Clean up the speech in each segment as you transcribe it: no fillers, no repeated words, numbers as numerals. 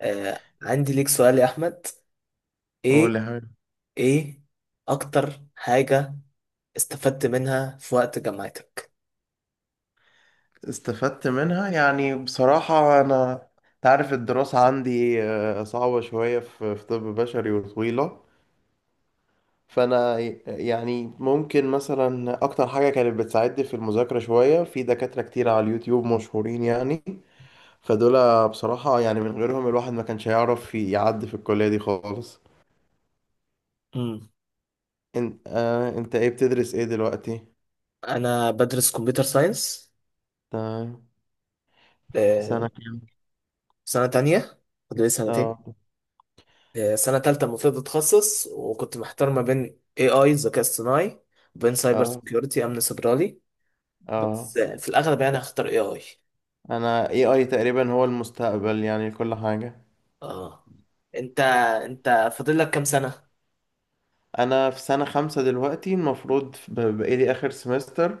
آه، عندي ليك سؤال يا احمد. قول ايه؟ يا حبيبي. ايه اكتر حاجة استفدت منها في وقت جامعتك؟ استفدت منها، يعني بصراحة أنا تعرف الدراسة عندي صعبة شوية في طب بشري وطويلة. فأنا يعني ممكن مثلا أكتر حاجة كانت بتساعدني في المذاكرة شوية في دكاترة كتير على اليوتيوب مشهورين يعني. فدول بصراحة يعني من غيرهم الواحد ما كانش هيعرف يعدي في الكلية دي خالص. امم، أنت إيه بتدرس إيه دلوقتي؟ انا بدرس كمبيوتر ساينس. آه... في آه، سنة كام؟ سنة تانية. فاضل لي آه. سنتين. آه، سنة تالتة المفروض اتخصص، وكنت محتار ما بين اي اي ذكاء اصطناعي، وبين سايبر آه. سيكيورتي، امن سيبراني. آه، بس في الاغلب يعني هختار اي اي. انا AI تقريبا هو المستقبل يعني كل حاجة. اه. انت انت فاضل لك كام سنة؟ انا في سنة خمسة دلوقتي المفروض بقالي اخر سمستر.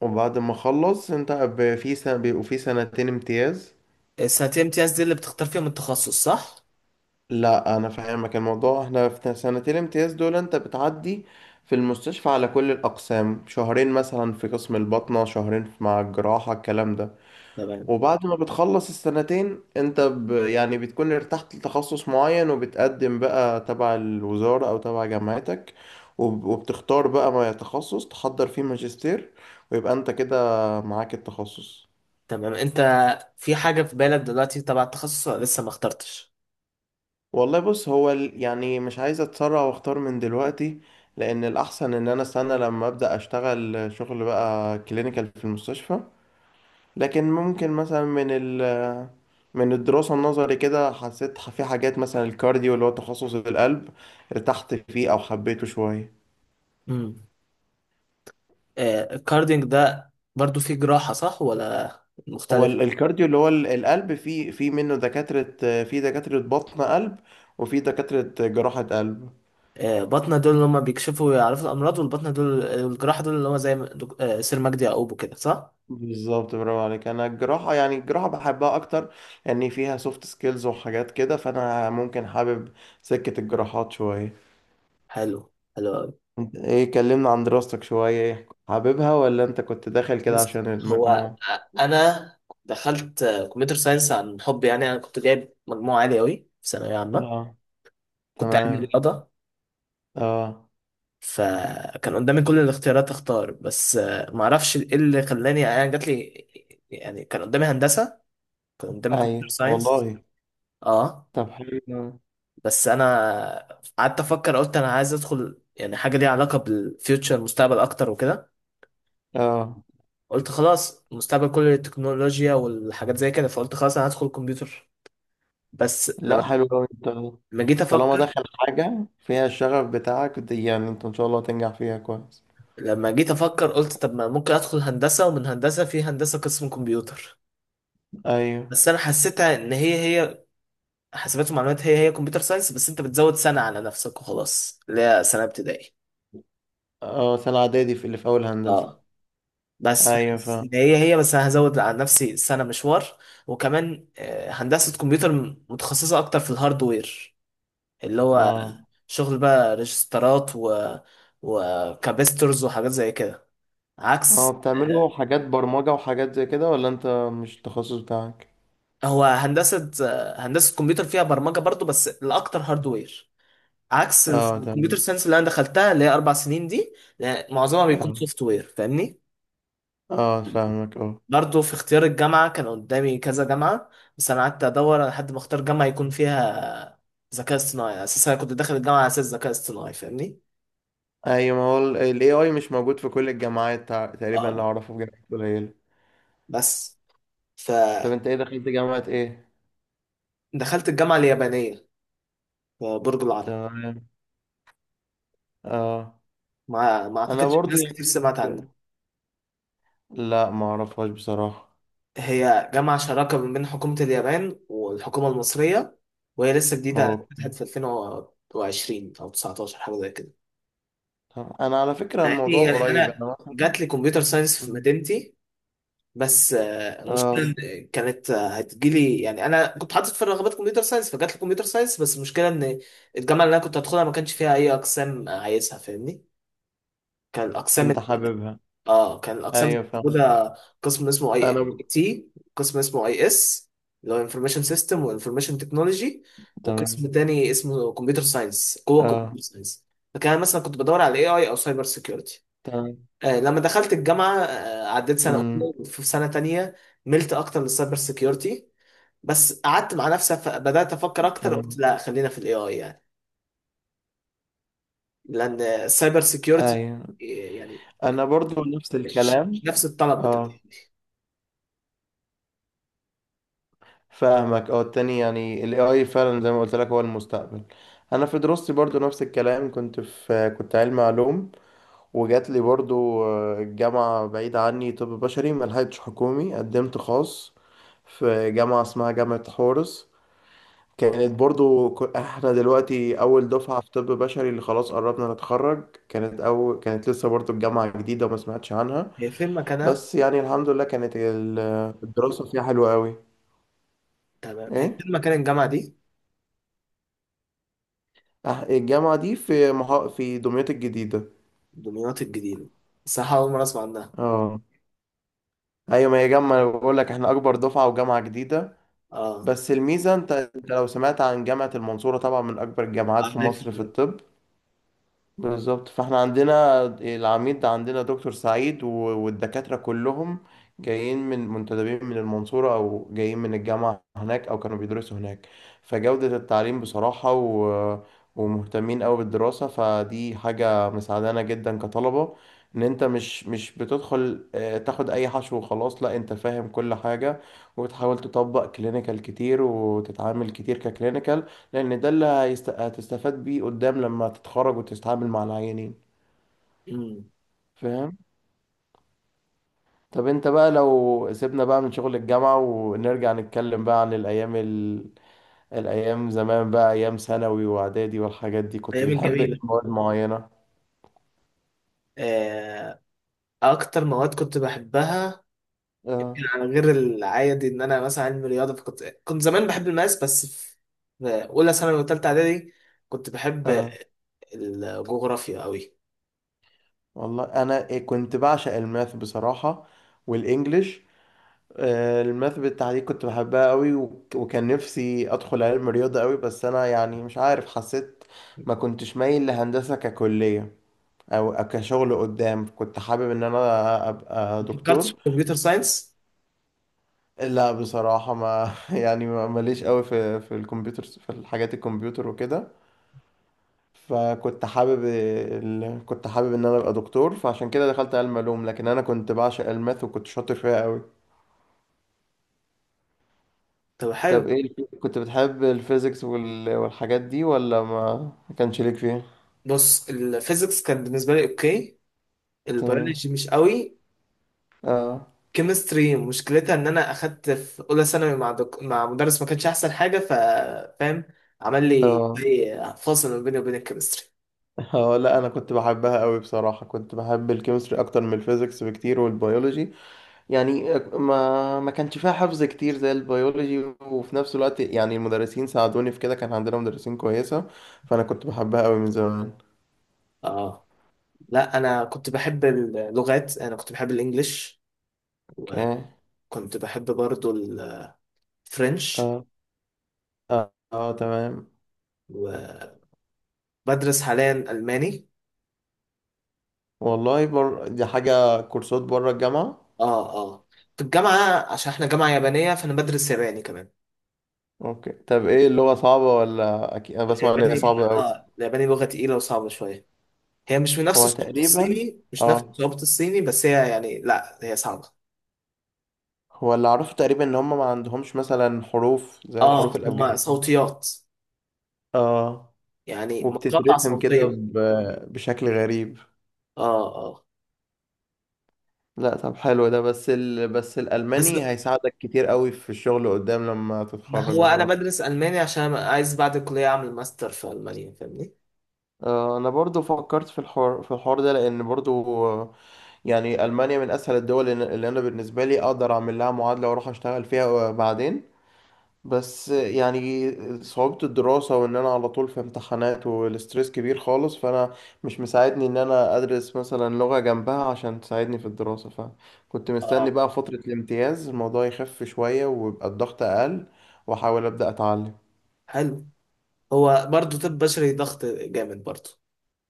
وبعد ما اخلص انت في سنة بيبقوا في سنتين امتياز. السنتين امتياز دي اللي بتختار فيهم التخصص، صح؟ لا انا فاهمك الموضوع، احنا في سنتين امتياز دول انت بتعدي في المستشفى على كل الاقسام شهرين، مثلا في قسم الباطنة شهرين، مع الجراحة الكلام ده. تمام. وبعد ما بتخلص السنتين انت يعني بتكون ارتحت لتخصص معين، وبتقدم بقى تبع الوزارة او تبع جامعتك، وبتختار بقى ما تخصص تحضر فيه ماجستير، ويبقى انت كده معاك التخصص. تمام، انت في حاجة في بالك دلوقتي تبع التخصص، ولا لسه ما اخترتش؟ والله بص، يعني مش عايز اتسرع واختار من دلوقتي، لان الاحسن ان انا استنى لما ابدا اشتغل شغل بقى كلينيكال في المستشفى. لكن ممكن مثلا من الدراسة النظري كده حسيت في حاجات، مثلا الكارديو اللي هو تخصص القلب ارتحت فيه أو حبيته شوية. امم. آه، الكاردينج ده برضو فيه جراحة، صح ولا هو مختلف؟ الكارديو اللي هو القلب، في منه دكاترة، في دكاترة بطن قلب، وفي دكاترة جراحة قلب. آه، بطنة دول اللي هم بيكشفوا ويعرفوا الأمراض، والبطنة دول الجراحة دول اللي هم زي ما سير مجدي يعقوب كده، صح؟ بالظبط، برافو عليك. أنا الجراحة يعني الجراحة بحبها أكتر، لأن فيها سوفت سكيلز وحاجات كده، فأنا ممكن حابب سكة الجراحات شوية. حلو، حلو أوي. انت ايه؟ كلمنا عن دراستك شوية، ايه حاببها ولا انت كنت داخل كده بص، عشان هو المجموع؟ أنا دخلت كمبيوتر ساينس عن حب، يعني أنا كنت جايب مجموعة عالية أوي في ثانوية عامة. اه. كنت علمي تمام. رياضة، اه. فكان قدامي كل الاختيارات اختار. بس ما اعرفش ايه اللي خلاني يعني جات لي. يعني كان قدامي هندسه، كان قدامي كمبيوتر اي ساينس. والله. اه. طب حلو أوي. بس انا قعدت افكر، قلت انا عايز ادخل يعني حاجه ليها علاقه بالفيوتشر، المستقبل اكتر وكده. اه. قلت خلاص، المستقبل كله التكنولوجيا والحاجات زي كده، فقلت خلاص انا هدخل كمبيوتر. بس لما لا، حلو أوي. انت لما جيت طالما افكر، داخل حاجة فيها الشغف بتاعك دي، يعني انت ان شاء الله تنجح فيها كويس. قلت طب ما ممكن ادخل هندسه، ومن هندسه في هندسه قسم كمبيوتر. ايوه. بس انا حسيتها ان هي هي، حاسبات ومعلومات هي هي كمبيوتر ساينس، بس انت بتزود سنة على نفسك وخلاص، اللي هي سنة ابتدائي. اه، سنة اعدادي في اللي في اول هندسة. اه. بس ايوه فحاسس ان فاهم. هي هي، بس انا هزود على نفسي سنة مشوار. وكمان هندسة كمبيوتر متخصصة اكتر في الهاردوير، اللي هو اه. شغل بقى ريجسترات و وكابسترز وحاجات زي كده، اه، عكس بتعملوا حاجات برمجة وحاجات زي كده ولا انت مش التخصص بتاعك؟ هو هندسة، هندسة كمبيوتر فيها برمجة برضو، بس الأكتر هاردوير. عكس اه الكمبيوتر تمام. ساينس اللي أنا دخلتها، اللي هي أربع سنين دي. لا، معظمها بيكون اه. سوفت وير، فاهمني؟ اه فاهمك، اه. برضه في اختيار الجامعة كان قدامي كذا جامعة، بس أنا قعدت أدور لحد ما أختار جامعة يكون فيها ذكاء اصطناعي. أساسا أنا كنت داخل الجامعة على أساس ذكاء اصطناعي، فاهمني؟ ايوه، ما هو ال AI مش موجود في كل الجامعات، تقريبا اللي أه. اعرفه في جامعات قليلة. بس طب فدخلت انت ايه؟ دخلت جامعة ايه؟ الجامعة اليابانية في برج العرب. تمام. اه. ما انا أعتقدش برضو ناس يعني كتير سمعت عنها. في- لا ما اعرفهاش بصراحة. هي جامعة شراكة ما بين حكومة اليابان والحكومة المصرية، وهي لسه جديدة، اوكي. فتحت في 2020 أو 19 حاجة زي كده. طب انا على فكرة يعني الموضوع يعني قريب، أنا انا مثلا. جات لي كمبيوتر ساينس في مم. مدينتي. بس المشكله اه. إن كانت هتجيلي، يعني انا كنت حاطط في الرغبات كمبيوتر ساينس، فجات لي كمبيوتر ساينس. بس المشكله ان الجامعه اللي انا كنت هدخلها ما كانش فيها اي اقسام عايزها، فاهمني؟ كان الاقسام انت ال- حاببها؟ اه كان الاقسام اللي ايوه فاهم. موجوده قسم اسمه انا اي ب... تي، قسم اسمه اي اس، اللي هو انفورميشن سيستم وانفورميشن تكنولوجي، تمام. وقسم تاني اسمه كمبيوتر ساينس. جوه كمبيوتر اه. ساينس فكان أنا مثلا كنت بدور على اي اي او سايبر سيكيورتي. تمام. آه، لما دخلت الجامعة عديت سنة امم. أولى في سنة تانية، ملت أكتر للسايبر سيكيورتي. بس قعدت مع نفسي، بدأت أفكر أكتر، قلت تمام. لا خلينا في الاي اي يعني. لأن السايبر سيكيورتي ايوه، يعني انا برضو نفس مش الكلام. مش نفس الطلب بتاع اه دي. فاهمك، اه، التاني يعني ال AI فعلا زي ما قلت لك هو المستقبل. انا في دراستي برضو نفس الكلام، كنت في كنت علمي علوم، وجات لي برضو الجامعة بعيدة عني، طب بشري ملحقتش حكومي قدمت خاص في جامعة اسمها جامعة حورس. كانت برضو احنا دلوقتي اول دفعة في طب بشري اللي خلاص قربنا نتخرج، كانت اول، كانت لسه برضو الجامعة جديدة وما سمعتش عنها. هي فين مكانها؟ بس يعني الحمد لله كانت الدراسة فيها حلوة قوي. تمام، هي ايه؟ فين مكان الجامعة دي؟ الجامعة دي في دمياط الجديدة. دمياط الجديدة، صح؟ أول مرة أسمع عنها. اه. ايوه، ما هي جامعة، أنا بقول لك احنا اكبر دفعة وجامعة جديدة. أه. بس الميزة انت، انت لو سمعت عن جامعة المنصورة طبعا من اكبر الجامعات في عارف، مصر في عارف. الطب. بالظبط، فاحنا عندنا العميد، عندنا دكتور سعيد والدكاترة كلهم جايين من منتدبين من المنصورة، أو جايين من الجامعة هناك، أو كانوا بيدرسوا هناك. فجودة التعليم بصراحة ومهتمين أوي بالدراسة، فدي حاجة مساعدانا جدا كطلبة. إن أنت مش بتدخل تاخد أي حشو وخلاص، لا أنت فاهم كل حاجة وبتحاول تطبق كلينيكال كتير وتتعامل كتير ككلينيكال، لان ده اللي هتستفاد بيه قدام لما تتخرج وتتعامل مع العيانين. أمم. فاهم؟ طب انت بقى لو سيبنا بقى من شغل الجامعة ونرجع نتكلم بقى عن الايام زمان بقى، ايام ثانوي واعدادي والحاجات دي، كنت أيام بتحب ايه الجميلة. مواد معينة؟ آه، أكتر مواد كنت بحبها، اه. يعني غير العادي ان انا مثلا علمي رياضه، فكنت زمان بحب الماس، بس في في اولى ثانوي وثالثه اعدادي كنت بحب اه. الجغرافيا قوي. والله انا إيه، كنت بعشق الماث بصراحة والانجليش. الماث بالتحديد كنت بحبها قوي، وكان نفسي ادخل علم رياضة قوي، بس انا يعني مش عارف، حسيت ما كنتش مايل لهندسة ككلية، او أو كشغل قدام كنت حابب ان انا ابقى ما فكرتش في دكتور. كمبيوتر ساينس؟ لا بصراحة ما يعني ماليش قوي في في الكمبيوتر، في الحاجات الكمبيوتر وكده. فكنت حابب كنت حابب ان انا ابقى دكتور، فعشان كده دخلت علم علوم، لكن انا كنت بعشق الماث وكنت شاطر فيها قوي. طب حلو. طب ايه، كنت بتحب الفيزيكس والحاجات دي ولا ما ما كانش ليك فيها؟ بص، الفيزيكس كان بالنسبه لي اوكي، تمام. البيولوجي مش قوي. اه. كيمستري مشكلتها ان انا اخدت في اولى ثانوي مع مع مدرس ما كانش احسن حاجه، ف فاهم، عمل لي اه. زي فاصل ما بيني وبين الكيمستري. اه. لا انا كنت بحبها قوي بصراحة، كنت بحب الكيمستري اكتر من الفيزيكس بكتير والبيولوجي. يعني ما كانش فيها حفظ كتير زي البيولوجي، وفي نفس الوقت يعني المدرسين ساعدوني في كده، كان عندنا مدرسين كويسة، فأنا كنت بحبها قوي من زمان. اه. لا، انا كنت بحب اللغات، انا كنت بحب الانجليش، اوكي. كنت بحب برضو الفرنش. اه. اه, تمام. وبدرس حاليا ألماني. دي حاجة كورسات بره الجامعة. اه، اه. في الجامعة، عشان احنا جامعة يابانية، فأنا بدرس ياباني كمان. اوكي. طب ايه اللغة صعبة ولا؟ اكيد انا بسمع ان هي الياباني، صعبة قوي. اه الياباني لغة تقيلة وصعبة شوية. هي مش من نفس هو صعوبة تقريبا، الصيني، مش نفس اه، صعوبة الصيني، بس هي يعني، لا هي صعبة. هو اللي اعرفه تقريبا ان هم ما عندهمش مثلا حروف زي الحروف اه، هما الابجدية. صوتيات، اه. يعني مقاطع وبتترسم كده صوتية. بشكل غريب. اه، اه. لا طب حلو ده، بس بس بس الألماني هيساعدك كتير قوي في الشغل قدام لما ما تتخرج هو أنا بصراحة. بدرس ألماني عشان عايز بعد الكلية أعمل ماستر في ألمانيا، فاهمني؟ انا برضو فكرت في الحوار في الحوار ده، لان برضو يعني المانيا من اسهل الدول اللي انا بالنسبه لي اقدر اعمل لها معادله واروح اشتغل فيها بعدين. بس يعني صعوبة الدراسة وإن أنا على طول في امتحانات والستريس كبير خالص، فأنا مش مساعدني إن أنا أدرس مثلا لغة جنبها عشان تساعدني في الدراسة، فكنت مستني اه. بقى فترة الامتياز الموضوع يخف شوية ويبقى الضغط أقل وأحاول أبدأ أتعلم. حلو. هو برضه طب بشري ضغط جامد برضه.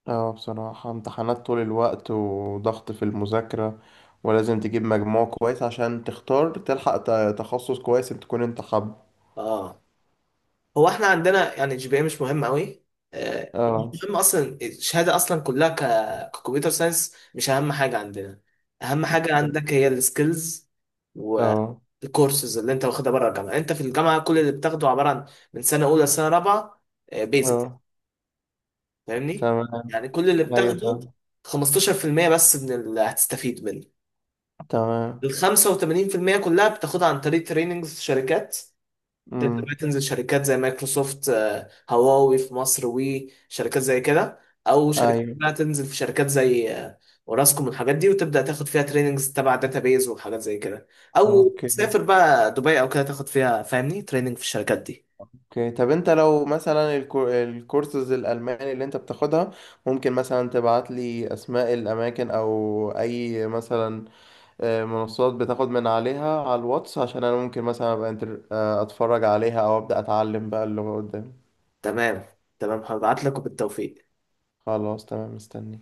اه بصراحة امتحانات طول الوقت وضغط في المذاكرة، ولازم تجيب مجموع كويس عشان تختار تلحق تخصص كويس تكون انت حابه. اه. هو احنا عندنا يعني الجي بي اي مش مهم قوي. آه، اه. المهم اصلا الشهاده اصلا كلها ككمبيوتر ساينس مش اهم حاجه عندنا. اهم حاجه اوكي. عندك هي السكيلز، اه. والكورسز اللي انت واخدها بره الجامعه. انت في الجامعه كل اللي بتاخده عباره عن، من سنه اولى لسنه رابعه، بيزك، اه. فاهمني؟ تمام. يعني كل اللي ايوه بتاخده فاهم. 15% بس من اللي هتستفيد منه. تمام. ال 85% كلها بتاخدها عن طريق تريننجز في شركات. تبدأ بقى امم. تنزل شركات زي مايكروسوفت، هواوي في مصر، وي شركات زي كده. او شركات ايوه. بقى تنزل في شركات زي اوراسكوم والحاجات دي، وتبدأ تاخد فيها تريننجز تبع داتابيز وحاجات زي كده. او اوكي. تسافر بقى دبي او كده، تاخد فيها فاهمني تريننج في الشركات دي. اوكي، طب انت لو مثلا الكورسز الالماني اللي انت بتاخدها، ممكن مثلا تبعت لي اسماء الاماكن او اي مثلا منصات بتاخد من عليها على الواتس، عشان انا ممكن مثلا ابقى اتفرج عليها او ابدا اتعلم بقى اللغة قدام. تمام. تمام، هبعت لك، وبالتوفيق. خلاص تمام مستني.